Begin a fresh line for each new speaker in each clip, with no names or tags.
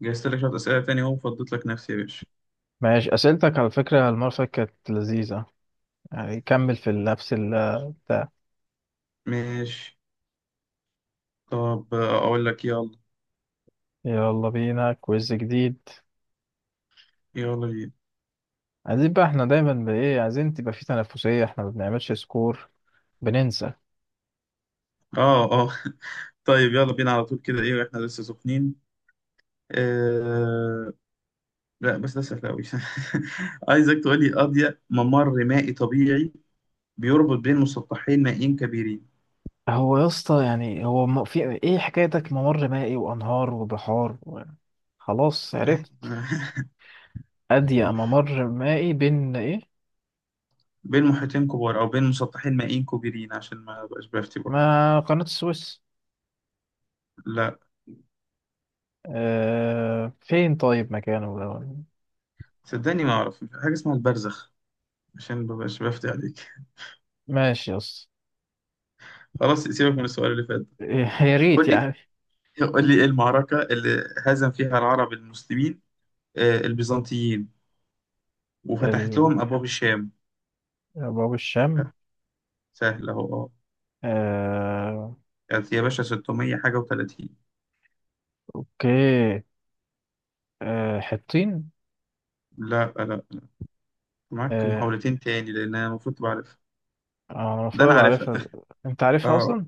جهزت لك شوية أسئلة تاني أهو فضيت لك نفسي يا باشا.
ماشي، أسئلتك على فكرة المرة اللي فاتت كانت لذيذة. يعني كمل في نفس بتاع.
ماشي. طب أقول لك يلا.
يلا بينا كويز جديد.
يلا بينا.
عايزين بقى، احنا دايما بإيه، عايزين تبقى في تنافسية. احنا ما بنعملش سكور، بننسى.
آه، آه. طيب يلا بينا على طول كده إيه إحنا لسه سخنين. آه... لا بس ده سهل أوي. عايزك تقول لي أضيق ممر مائي طبيعي بيربط بين مسطحين مائيين كبيرين.
هو يا اسطى، يعني هو في ايه حكايتك؟ ممر مائي وأنهار وبحار و-. خلاص
عادي.
عرفت. أضيق ممر مائي بين ايه؟
بين محيطين كبار أو بين مسطحين مائيين كبيرين عشان ما بقاش بفتي برضه.
ما قناة السويس.
لا،
اه، فين طيب مكانه ده؟
صدقني ما أعرف حاجة اسمها البرزخ. عشان ما بقاش بفتي عليك.
ماشي يا اسطى.
خلاص سيبك من السؤال اللي فات ده.
يا ريت
قول لي،
يعني.
قول لي ايه المعركة اللي هزم فيها العرب المسلمين، البيزنطيين، وفتحت
ال-
لهم أبواب الشام.
باب الشام.
آه، سهل أهو، أه.
آه،
كانت يا باشا 600 حاجة و30.
اوكي. حطين.
لا، لا، معاك
آه،
محاولتين تاني لأن أنا المفروض تبقى عارفها.
انا
ده
المفروض
أنا
ابقى
عارفها.
عارفها. انت عارفها
أه،
اصلا.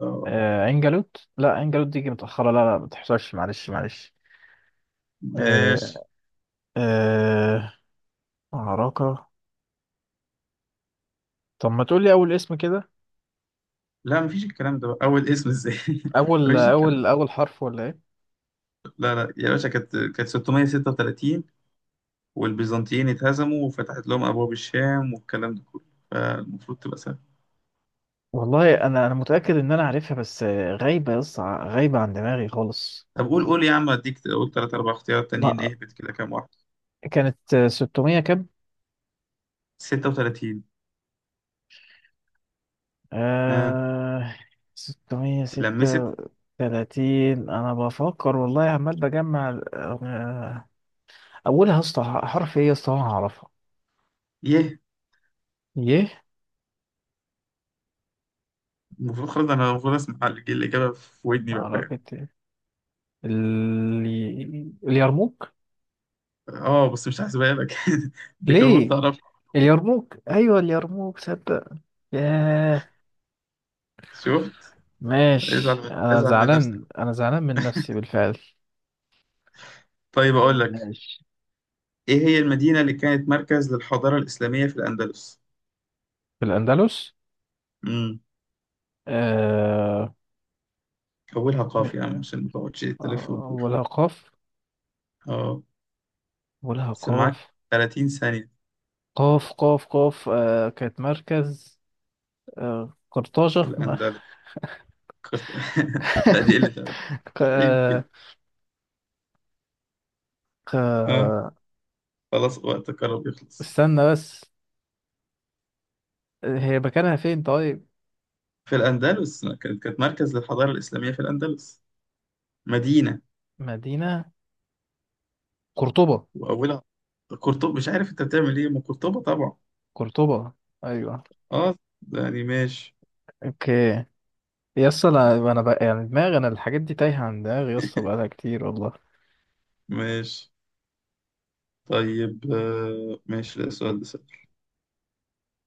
أه.
عين جالوت، لا عين جالوت دي جه متاخره، لا ما تحصلش، معلش معلش. آه،
ماشي.
آه، عراقه. طب ما تقول لي اول اسم كده؟
لا، مفيش الكلام ده بقى. أول اسم إزاي؟
اول
مفيش الكلام
اول
ده.
اول حرف ولا ايه؟
لا لا يا باشا، كانت 636، والبيزنطيين اتهزموا وفتحت لهم أبواب الشام والكلام ده كله. فالمفروض تبقى سهل.
والله انا متاكد ان انا عارفها، بس غايبه يا اسطى، غايبه عن دماغي خالص.
طب قول، قول يا عم، اديك قول تلات أربع اختيارات تانيين،
ما
اهبط كده كام واحد.
كانت 600 كام؟
36. اه.
آه. ستمية ستة
لمست.
تلاتين. أنا بفكر والله، عمال بجمع أولها يا اسطى حرف إيه يا اسطى وأنا هعرفها؟
يه.
يه.
المفروض خلاص أنا المفروض أسمع الإجابة في ودني بقى، فاهم.
معركة إيه؟ اليرموك.
اه، بس مش هحسبها لك. دي كان المفروض
ليه؟
تعرفها.
اليرموك، أيوة اليرموك، صدق. ياه.
شفت.
ماشي، أنا
ازعل من نفسك.
زعلان، أنا زعلان من نفسي بالفعل.
طيب
طب
أقول لك،
ماشي.
إيه هي المدينة اللي كانت مركز للحضارة الإسلامية في الأندلس؟
في الأندلس.
امم
آه
حولها
م-
قاف يا عم عشان ما تقعدش تلف وتدور.
أولها قاف.
اه،
أولها
بس معاك
قاف
30 ثانية.
قاف آه، كانت مركز. آه، قرطاجة.
الأندلس. فكرت- لا دي قلة أدب.
ق-
عيب
آه،
كده. آه.
ق-
خلاص وقت قرب يخلص.
استنى بس. هي مكانها فين طيب؟
في الأندلس كانت مركز للحضارة الإسلامية في الأندلس. مدينة.
مدينة. قرطبة.
وأولها. قرطبة، مش عارف أنت بتعمل إيه، ما قرطبة طبعا.
قرطبة، أيوة.
أه. يعني ماشي.
أوكي. يس. أنا بقى يعني دماغي، أنا الحاجات دي تايهة عن دماغي يس بقالها كتير والله.
ماشي طيب. ماشي، ده السؤال ده سهل.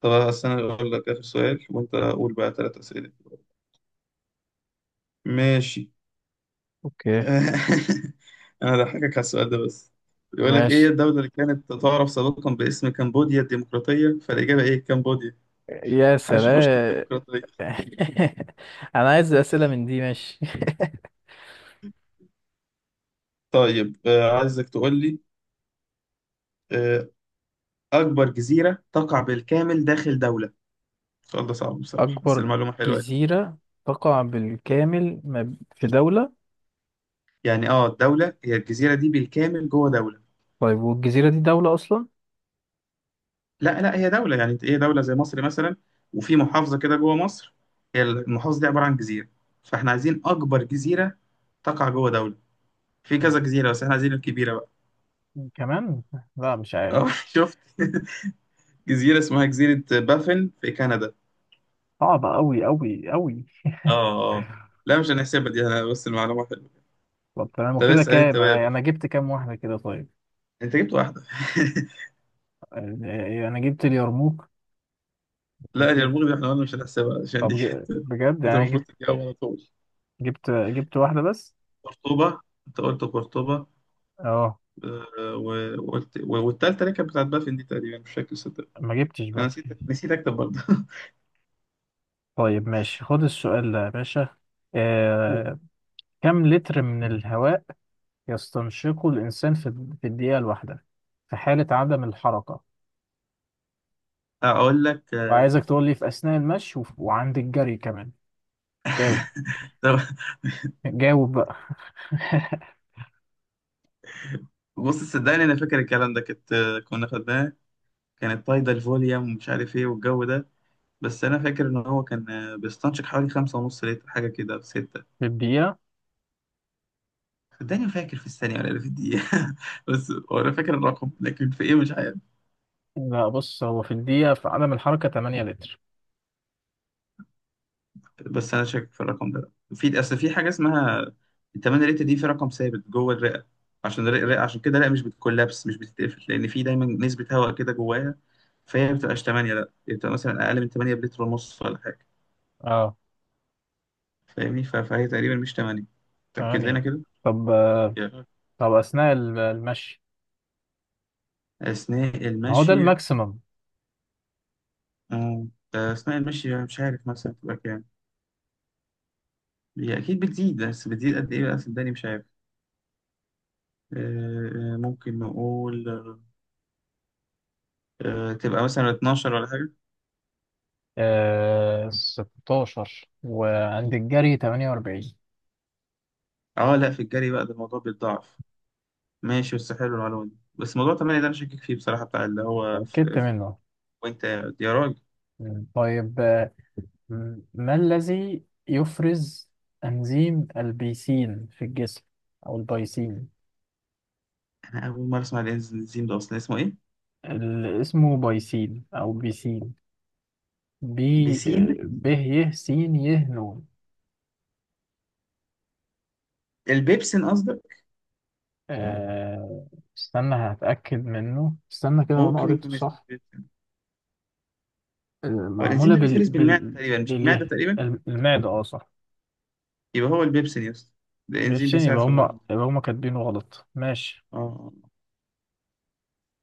طب أصل أنا أقول لك آخر سؤال وأنت قول بقى ثلاث أسئلة. ماشي.
أوكي،
أنا هضحكك على السؤال ده بس. بيقول لك إيه
ماشي.
الدولة اللي كانت تعرف سابقا باسم كمبوديا الديمقراطية، فالإجابة إيه؟ كمبوديا.
يا
حشنا
سلام.
الديمقراطية.
أنا عايز أسئلة من دي، ماشي.
طيب عايزك تقول لي آه، أكبر جزيرة تقع بالكامل داخل دولة. السؤال ده صعب بصراحة بس
أكبر
المعلومة حلوة.
جزيرة تقع بالكامل في دولة.
يعني اه، الدولة هي الجزيرة دي بالكامل جوه دولة.
طيب والجزيرة دي دولة أصلا؟
لا لا، هي دولة، يعني هي دولة زي مصر مثلا. وفي محافظة كده جوه مصر، هي المحافظة دي عبارة عن جزيرة. فاحنا عايزين أكبر جزيرة تقع جوه دولة. في كذا جزيرة بس احنا عايزين الكبيرة بقى.
كمان. لا، مش
اه.
عارف.
شفت. جزيرة اسمها جزيرة بافن في كندا.
صعبة أوي أوي أوي.
اه، اه. لا مش هنحسبها دي انا، بس المعلومة حلوة.
طب تمام،
طب
وكده
اسأل انت
كام؟
بقى يا
أنا
باشا.
جبت كام واحدة كده طيب؟
انت جبت واحدة.
يعني أنا جبت اليرموك،
لا يا
وجبت.
المغرب، احنا قلنا مش هنحسبها عشان دي.
طب بجد
انت
يعني أنا
المفروض
جبت،
تجاوب على طول.
جبت واحدة بس.
قرطبة. انت قلت قرطبة.
أه.
وقلت والتالتة اللي كانت بتاعت بافن دي تقريبا مش فاكر صدق.
ما جبتش
انا
بس.
نسيت، اكتب برضه.
طيب ماشي، خد السؤال ده يا باشا. آه... كم لتر من الهواء يستنشقه الإنسان في في الدقيقة الواحدة في حالة عدم الحركة؟
اقول لك.
وعايزك تقول لي في أثناء المشي وعند الجري كمان. جاوب.
طب
جاوب بقى.
بص صدقني انا فاكر الكلام ده، كنت آه، كنا خدناه. كانت طايدة الفوليوم ومش عارف ايه والجو ده. بس انا فاكر ان هو كان بيستنشق حوالي خمسة ونص لتر حاجة كده، في ستة.
في الدقيقة.
صدقني ما فاكر في الثانية ولا في الدقيقة. بس هو انا فاكر الرقم لكن في ايه مش عارف.
لا، بص، هو في الدقيقة في عدم الحركة 8 لتر.
بس انا شاكك في الرقم ده، في اصل في حاجه اسمها التمانية ريت دي، في رقم ثابت جوه الرئه. عشان الرئه عشان كده الرئه مش بتكولابس، مش بتتقفل، لان في دايما نسبه هواء كده جواها. فهي ما بتبقاش 8، لا هي بتبقى مثلا اقل من 8 بلتر ونص ولا حاجه.
اه.
فاهمني؟ فهي تقريبا مش 8. تاكد لنا
8.
كده.
طب
يا.
طب أثناء المشي،
اثناء
ما هو ده
المشي.
الماكسيمم؟
آه، اثناء المشي يعني مش عارف مثلا تبقى كام. هي اكيد بتزيد بس بتزيد قد ايه بقى، صدقني مش عارف. ممكن نقول تبقى مثلا 12 ولا حاجه.
آه، 16، وعند الجري 48.
اه لا، في الجري بقى ده الموضوع بيتضاعف. ماشي، بس حلو المعلومة دي، بس موضوع تمانية ده أنا شاكك فيه بصراحة، بتاع اللي هو في
اتأكدت منه.
وأنت، يا راجل.
مم. طيب آه، ما الذي يفرز أنزيم البيسين في الجسم؟ أو البيسين.
أنا أول مرة أسمع الإنزيم ده أصلا، اسمه إيه؟
اسمه بايسين أو بيسين. ب.
بيسين.
ب ي س ي ن.
البيبسين قصدك.
آه، استنى هتأكد منه، استنى كده، وانا
ممكن
قريته
يكون اسمه
صح.
بيبسين.
آه،
هو الإنزيم
معمولة
ده
بال
بيفرز بالمعدة
بال
تقريبا، مش المعدة
باليه.
تقريبا.
المعدة، اه صح.
يبقى هو البيبسين يا اسطى. ده إنزيم
بالشين،
بيساعد
يبقى
في
هما،
الهضم.
يبقى هما كاتبينه غلط. ماشي.
اه، آه. آه.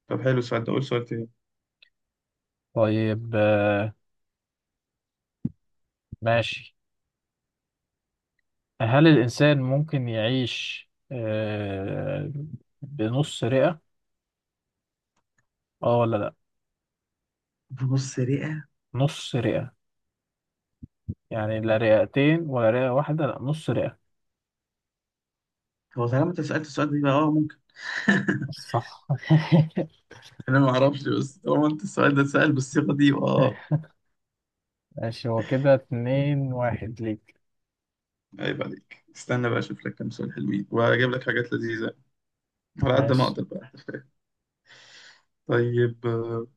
طب حلو السؤال ده، قول سؤال تاني.
طيب آه، ماشي. هل الإنسان ممكن يعيش آه بنص رئة، اه ولا لا؟
بص رئة.
نص رئة، يعني لا رئتين ولا رئة واحدة، لا نص رئة.
هو طالما أنت سألت السؤال ده يبقى اه ممكن.
صح.
أنا ما أعرفش، بس طالما أنت السؤال ده اتسأل بالصيغة دي يبقى اه.
ماشي، هو كده اتنين واحد ليك.
عيب عليك، استنى بقى اشوف لك كام سؤال حلوين واجيب لك حاجات لذيذه على قد ما
ماشي.
اقدر بقى. طيب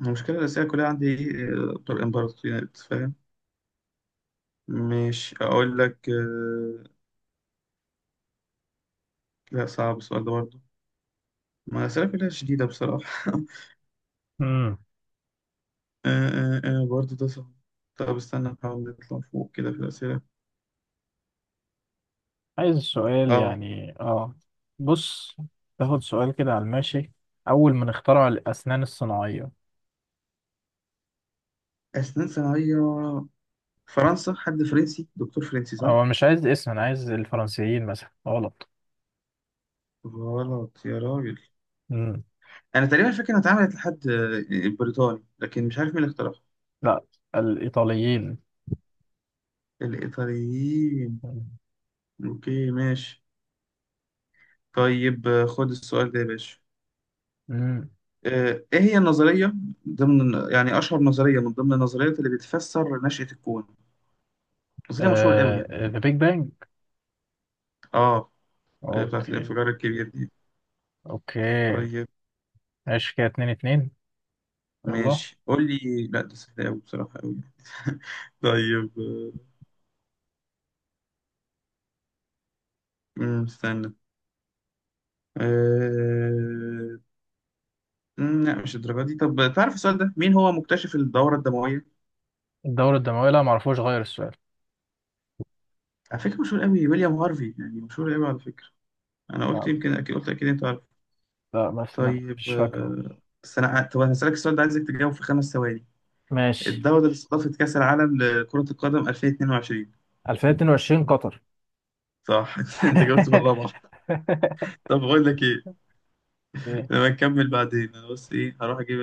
المشكله الاساسيه كلها عندي بتوع الامبراطوريات، فاهم. مش اقول لك. لا صعب السؤال ده برضه. ما الاسئله كلها شديده بصراحه.
امم.
برضه ده صعب. طب استنى نحاول نطلع فوق كده في الاسئله.
عايز سؤال
اه.
يعني اه. بص. تاخد سؤال كده على الماشي؟ أول من اخترع الأسنان الصناعية.
اسنان صناعيه. فرنسا، حد فرنسي، دكتور فرنسي، صح؟
هو مش عايز اسم، أنا عايز الفرنسيين مثلا. غلط.
غلط يا راجل.
امم.
انا تقريبا فاكر انها اتعملت لحد بريطاني، لكن مش عارف مين اللي اخترعها.
لا. الإيطاليين.
الإيطاليين. أوكي ماشي. طيب خد السؤال ده يا باشا.
امم.
إيه هي النظرية ضمن، يعني أشهر نظرية من ضمن النظريات اللي بتفسر نشأة الكون؟ نظرية مشهورة أوي يعني.
آه، ذا بيج بانج.
آه. اللي هي بتاعت
اوكي.
الانفجار الكبير دي.
اوكي،
طيب.
ماشي، كده اتنين اتنين. يلا.
ماشي قول لي. لا ده سهل أوي بصراحة أوي. طيب استنى. آه، لا مش الدرجة دي. طب تعرف السؤال ده، مين هو مكتشف الدورة الدموية؟
الدورة الدموية، لا معرفوش غير السؤال.
على فكرة مشهور أوي، ويليام هارفي، يعني مشهور أوي على فكرة. انا قلت
لا.
يمكن اكيد، قلت اكيد انت عارف.
لا، بس
طيب.
مش فاكره.
طب انا هسألك السؤال ده، عايزك تجاوب في 5 ثواني.
ماشي.
الدولة اللي استضافت كأس العالم لكرة القدم 2022.
2022، قطر.
صح. انت جاوبت بالرابعة. طب بقول لك ايه.
ايه.
لما نكمل بعدين انا، بس ايه، هروح اجيب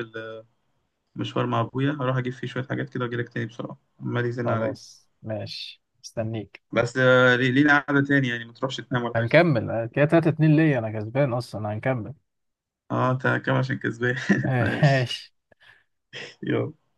المشوار مع ابويا، هروح اجيب فيه شوية حاجات كده واجي لك تاني بسرعة، عمال يزن عليا.
خلاص ماشي، مستنيك.
بس لينا قعدة تاني يعني، ما تروحش تنام ولا حاجة.
هنكمل كده 3 2 ليا انا كسبان اصلا، هنكمل.
اه انت كام عشان كسبان؟ ماشي.
ماشي.
يلا